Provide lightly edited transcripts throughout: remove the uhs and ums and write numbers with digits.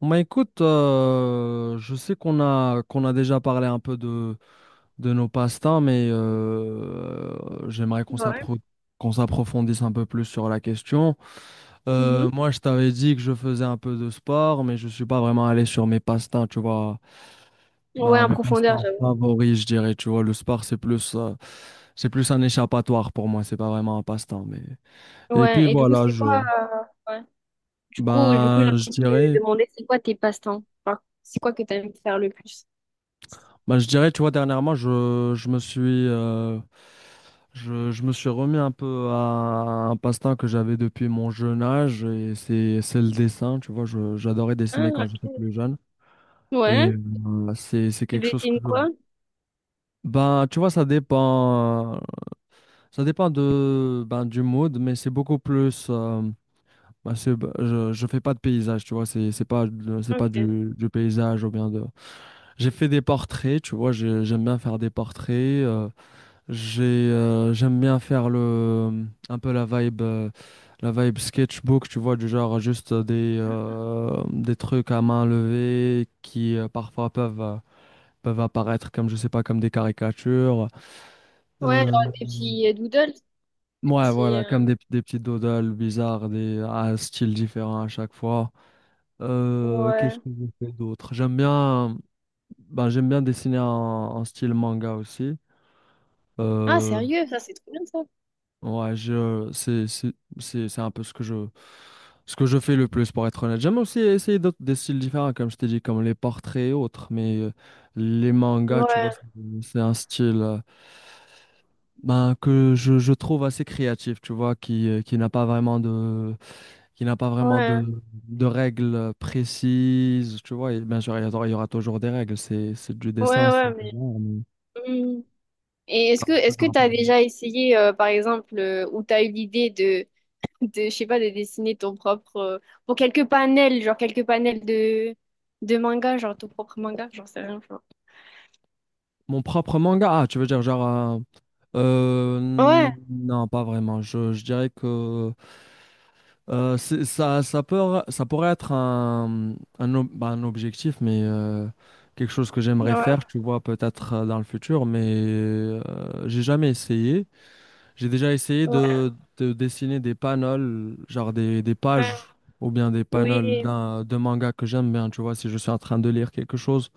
Bah écoute, je sais qu'on a déjà parlé un peu de nos passe-temps, mais j'aimerais Ouais. Qu'on s'approfondisse un peu plus sur la question. Mhm. Moi, je t'avais dit que je faisais un peu de sport, mais je suis pas vraiment allé sur mes passe-temps, tu vois. Ouais, Bah en mes profondeur, passe-temps j'avoue. favoris, je dirais, tu vois. Le sport, c'est plus un échappatoire pour moi, c'est pas vraiment un passe-temps, mais et puis Ouais, et du coup, voilà, c'est je quoi ouais. Du coup, j'ai ben je envie de dirais. te demander, c'est quoi tes passe-temps? Enfin, c'est quoi que t'aimes faire le plus? Bah, je dirais, tu vois, dernièrement, je me suis, euh, je me suis remis un peu à un passe-temps que j'avais depuis mon jeune âge, et c'est le dessin, tu vois, j'adorais dessiner Ah, quand j'étais plus jeune, ok, et ouais. C'est Tu quelque chose que dessines je... quoi? Ben, tu vois, ça dépend de du mood, mais c'est beaucoup plus, je fais pas de paysage, tu vois, c'est pas, c'est pas Ok. Du paysage ou bien de... J'ai fait des portraits, tu vois, j'aime bien faire des portraits. euh, J'ai, J'aime bien faire un peu la la vibe sketchbook, tu vois, du genre juste des trucs à main levée qui parfois peuvent apparaître comme, je sais pas, comme des caricatures. Ouais, Euh, genre des petits doodles, des ouais, petits... voilà, comme des petits doodles bizarres, des à styles différents à chaque fois. Qu'est-ce Ouais. que je fais d'autre? J'aime bien, ben, j'aime bien dessiner en style manga aussi. Ah, Euh, sérieux, ça, c'est trop bien, ça. Ouais, je, c'est un peu ce que ce que je fais le plus, pour être honnête. J'aime aussi essayer d'autres, des styles différents, comme je t'ai dit, comme les portraits et autres, mais les mangas, tu vois, Ouais, c'est un style je trouve assez créatif, tu vois, qui n'a pas vraiment de, qui n'a pas vraiment ouais, de règles précises, tu vois, et bien sûr, il y aura toujours des règles, c'est du ouais, dessin, c'est ouais, mais... des arts, mais- Hmm. Et est-ce que Toujours un peu t'as de- déjà essayé, par exemple, ou t'as eu l'idée de, je sais pas, de dessiner ton propre, pour quelques panels, genre quelques panels de manga, genre ton propre manga, j'en sais rien, genre. Mon propre manga, ah, tu veux dire genre... Euh, Ouais, non, pas vraiment. Je dirais que ça pourrait être un objectif, mais quelque chose que j'aimerais ouais, faire, tu vois, peut-être dans le futur, mais j'ai jamais essayé. J'ai déjà essayé ouais, de dessiner des panels, genre des pages ouais. ou bien des panels Oui. De manga que j'aime bien, tu vois, si je suis en train de lire quelque chose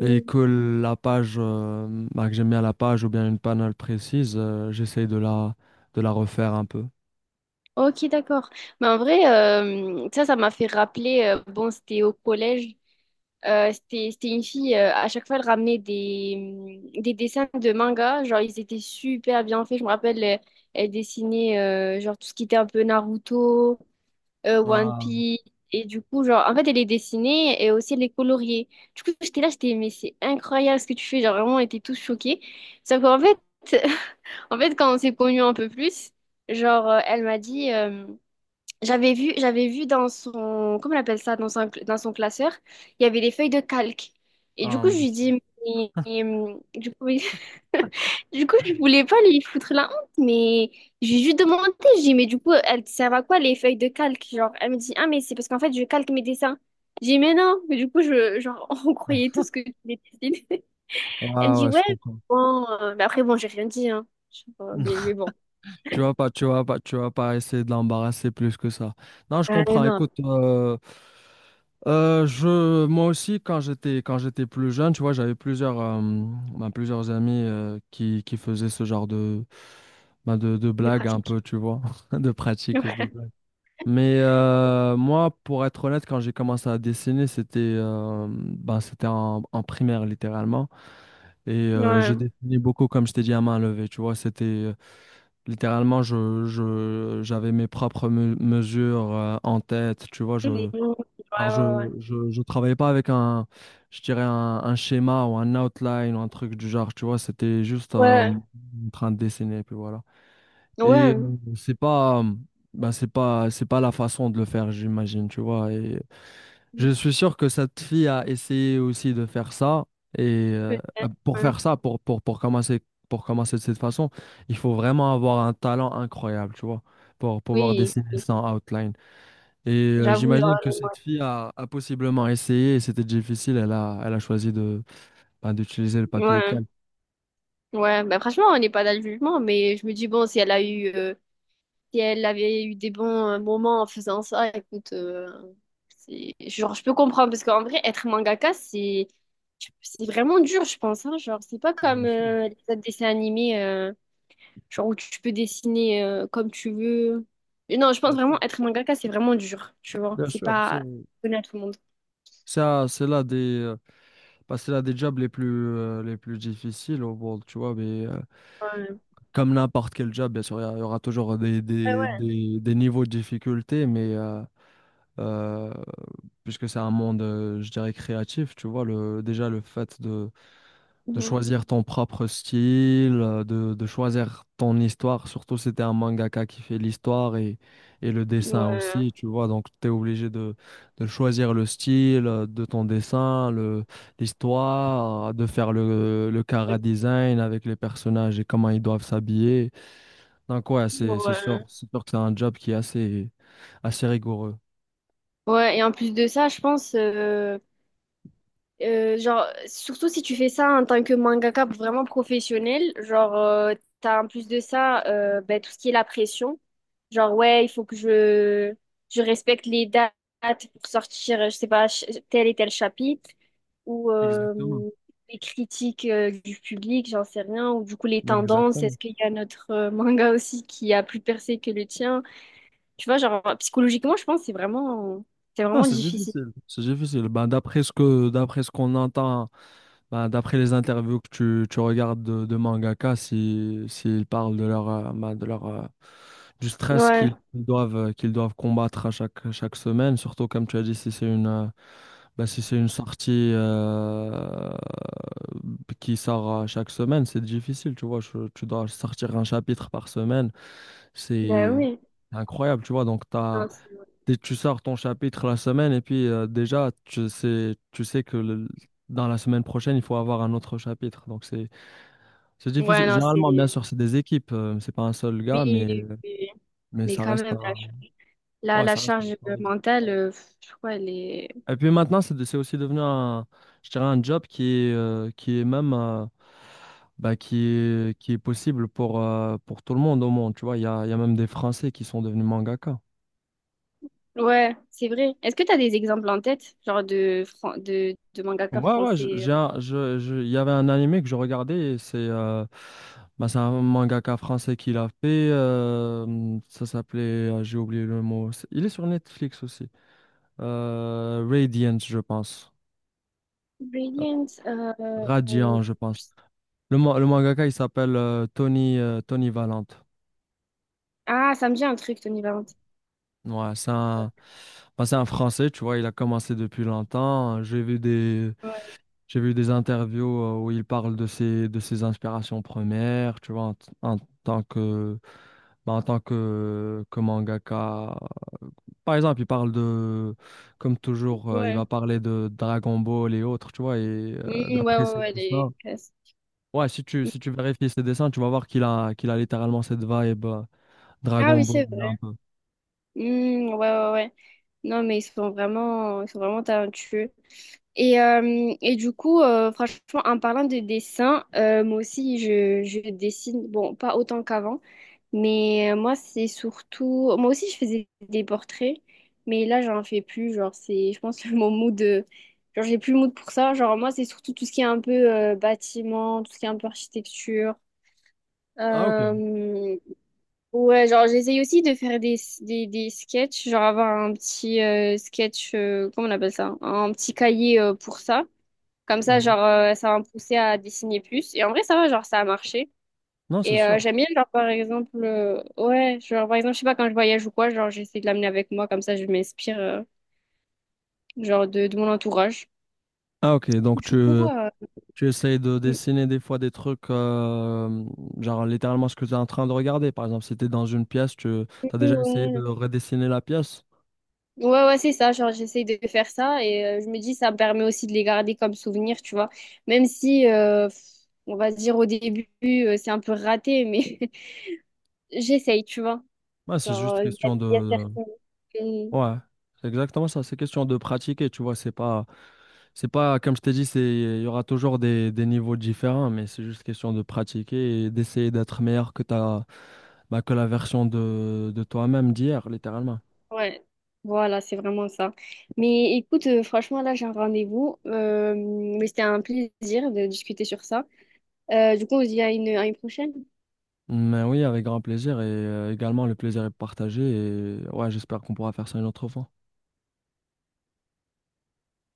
et que la page, que j'aime bien la page ou bien une panel précise, j'essaye de la refaire un peu. Ok, d'accord. Mais en vrai, ça, ça m'a fait rappeler, bon, c'était au collège, c'était, c'était une fille, à chaque fois, elle ramenait des, mm, des dessins de manga, genre ils étaient super bien faits, je me rappelle, elle, elle dessinait, genre tout ce qui était un peu Naruto, One Ah, Piece. Et du coup, genre, en fait, elle les dessinée et aussi elle est coloriée. Du coup, j'étais là, j'étais, mais c'est incroyable ce que tu fais. Genre, vraiment, on était tous choqués. Sauf qu'en fait, en fait, quand on s'est connus un peu plus, genre, elle m'a dit, j'avais vu dans son, comment on appelle ça, dans son classeur, il y avait des feuilles de calque. Et du ah, coup, je mon lui dis, Dieu. Mais, du coup, Du coup, je voulais pas lui foutre la honte, mais j'ai juste demandé, j'ai dit, mais du coup, elles servent à quoi les feuilles de calque? Genre, elle me dit, ah, mais c'est parce qu'en fait, je calque mes dessins. J'ai dit, mais non, mais du coup, je, genre, on croyait tous que tu les dessines. Elle me Ah dit, ouais, je ouais, comprends. bon, mais après, bon, j'ai rien dit, hein. Mais bon, Tu vas pas essayer de l'embarrasser plus que ça. Non, je ouais, comprends. non, Écoute, moi aussi, quand j'étais plus jeune, tu vois, j'avais plusieurs amis qui faisaient ce genre de des blagues un pratiques. peu, tu vois, de pratiques. Ouais, De... Mais moi, pour être honnête, quand j'ai commencé à dessiner, c'était c'était en primaire, littéralement. Et je ouais, dessinais beaucoup, comme je t'ai dit, à main levée. Tu vois, c'était littéralement, j'avais mes propres mesures en tête. Tu vois, ouais, alors je, ouais, je travaillais pas avec un schéma ou un outline ou un truc du genre. Tu vois, c'était juste ouais, en train de dessiner. Puis voilà. Et ouais, c'est pas, bah, c'est pas la façon de le faire, j'imagine, tu vois. Et je suis sûr que cette fille a essayé aussi de faire ça. Et ouais, pour ouais. faire ça, pour commencer de cette façon, il faut vraiment avoir un talent incroyable, tu vois, pour pouvoir Oui, dessiner sans outline. Et j'avoue, genre, j'imagine que cette a possiblement essayé et c'était difficile. Elle a choisi d'utiliser le papier ouais. calque. Ouais, bah franchement, on n'est pas dans le jugement, mais je me dis, bon, si elle a eu, si elle avait eu des bons moments en faisant ça, écoute, c'est, genre, je peux comprendre, parce qu'en vrai, être mangaka, c'est vraiment dur, je pense, hein, genre, c'est pas comme Bien sûr, les autres dessins animés, genre, où tu peux dessiner comme tu veux. Et non, je pense bien sûr. vraiment, être mangaka, c'est vraiment dur, tu vois, Bien c'est sûr, c'est pas donné à tout le monde. ça, c'est là des. C'est l'un des jobs les plus difficiles au monde, tu vois, mais Ouais. comme n'importe quel job, bien sûr, il y aura toujours Ouais, ouais. Des niveaux de difficulté, mais euh, puisque c'est un monde, je dirais, créatif, tu vois, déjà le fait de Mhm. choisir ton propre style, de choisir ton histoire, surtout si t'es un mangaka qui fait l'histoire et le dessin Ouais. aussi, tu vois, donc t'es obligé de choisir le style de ton dessin, l'histoire, de faire le chara design avec les personnages et comment ils doivent s'habiller. Donc ouais, Ouais. c'est sûr que c'est un job qui est assez, assez rigoureux. Ouais, et en plus de ça, je pense, euh, genre, surtout si tu fais ça en tant que mangaka vraiment professionnel, genre, t'as en plus de ça ben, tout ce qui est la pression. Genre, ouais, il faut que je respecte les dates pour sortir, je sais pas, tel et tel chapitre, ou Exactement. Les critiques du public, j'en sais rien, ou du coup les tendances, Exactement. est-ce qu'il y a notre manga aussi qui a plus percé que le tien? Tu vois, genre, psychologiquement, je pense que c'est Ah, vraiment c'est difficile. difficile. C'est difficile. Ben, d'après ce d'après ce qu'on entend, bah, d'après les interviews que tu regardes de mangaka, si, s'ils parlent de de leur, du stress Ouais, qu'ils qu'ils doivent combattre à chaque semaine, surtout comme tu as dit, si c'est si c'est une sortie qui sort chaque semaine, c'est difficile, tu vois. Tu dois sortir un chapitre par semaine, bah c'est oui. incroyable, tu vois. Donc, tu as, Non, c'est dès que tu sors ton chapitre la semaine et puis déjà tu sais que dans la semaine prochaine il faut avoir un autre chapitre. Donc c'est ouais, difficile. non, Généralement bien c'est... sûr c'est des équipes, c'est pas un seul Oui, gars oui, oui. mais Mais ça quand reste même, un la, ouais la ça reste un charge travail. mentale, je crois, elle est... Et puis maintenant c'est aussi devenu un, je dirais un job qui est même qui est possible pour tout le monde au monde. Tu vois il y a même des Français qui sont devenus mangaka. Ouais, c'est vrai. Est-ce que tu as des exemples en tête, genre de, de mangaka Ouais, ouais, je- français? Euh, j'ai un- je- il y avait un animé que je regardais, et c'est c'est un mangaka français qui l'a fait. Ça s'appelait, j'ai oublié le mot. Il est sur Netflix aussi. Radiant, je pense. Euh, Brilliant. Euh, Radiant, je pense. Le mangaka, il s'appelle Tony Valente. ah, ça me dit un truc, Tony Valenti. Ouais, c'est un, bah, c'est un Français, tu vois, il a commencé depuis longtemps. J'ai vu des, Ouais, j'ai vu des interviews où il parle de de ses inspirations premières, tu vois, en tant que, bah, en tant que mangaka. Par exemple, il parle de, comme toujours, il ouais. va parler de Dragon Ball et autres, tu vois, et Mm, ouais, d'après ouais, ses ouais, dessins. les classes. Ouais, si Mm. si tu vérifies ses dessins, tu vas voir qu'il qu'il a littéralement cette vibe Ah Dragon oui, Ball, c'est là, un vrai. peu. Mm, ouais, ouais, ouais. Non, mais ils sont vraiment talentueux. Et du coup, franchement, en parlant de dessin, moi aussi, je dessine, bon, pas autant qu'avant, mais moi, c'est surtout, moi aussi, je faisais des portraits, mais là, j'en fais plus, genre, c'est, je pense, mon mood, genre, j'ai plus le mood pour ça, genre, moi, c'est surtout tout ce qui est un peu bâtiment, tout ce qui est un peu architecture. Ah, ok. Euh, ouais, genre, j'essaye aussi de faire des sketchs, genre, avoir un petit sketch, comment on appelle ça? Un petit cahier pour ça. Comme ça, Mhm. genre, ça va me pousser à dessiner plus. Et en vrai, ça va, genre, ça a marché. Non, c'est Et sûr. j'aime bien, genre, par exemple, ouais, genre, par exemple, je sais pas, quand je voyage ou quoi, genre, j'essaie de l'amener avec moi, comme ça, je m'inspire, genre, de mon entourage. Ah, ok, donc Du tu, coup, Tu essayes de mm, dessiner des fois des trucs, genre littéralement ce que tu es en train de regarder. Par exemple, si tu es dans une pièce, tu as déjà essayé de ouais, redessiner la pièce. ouais, ouais, c'est ça, genre, j'essaie de faire ça et je me dis, ça me permet aussi de les garder comme souvenir, tu vois. Même si, on va se dire, au début, c'est un peu raté, mais j'essaye, tu vois. Ouais, c'est juste Genre, question il y a de... certains. Ouais, c'est exactement ça. C'est question de pratiquer, tu vois. C'est pas, Comme je t'ai dit, c'est, il y aura toujours des niveaux différents, mais c'est juste question de pratiquer et d'essayer d'être meilleur que ta, bah, que la version de toi-même d'hier, littéralement. Ouais, voilà, c'est vraiment ça. Mais écoute, franchement, là, j'ai un rendez-vous, mais c'était un plaisir de discuter sur ça. Du coup, on se dit à une prochaine. Mais oui, avec grand plaisir et également le plaisir est partagé et ouais, j'espère qu'on pourra faire ça une autre fois.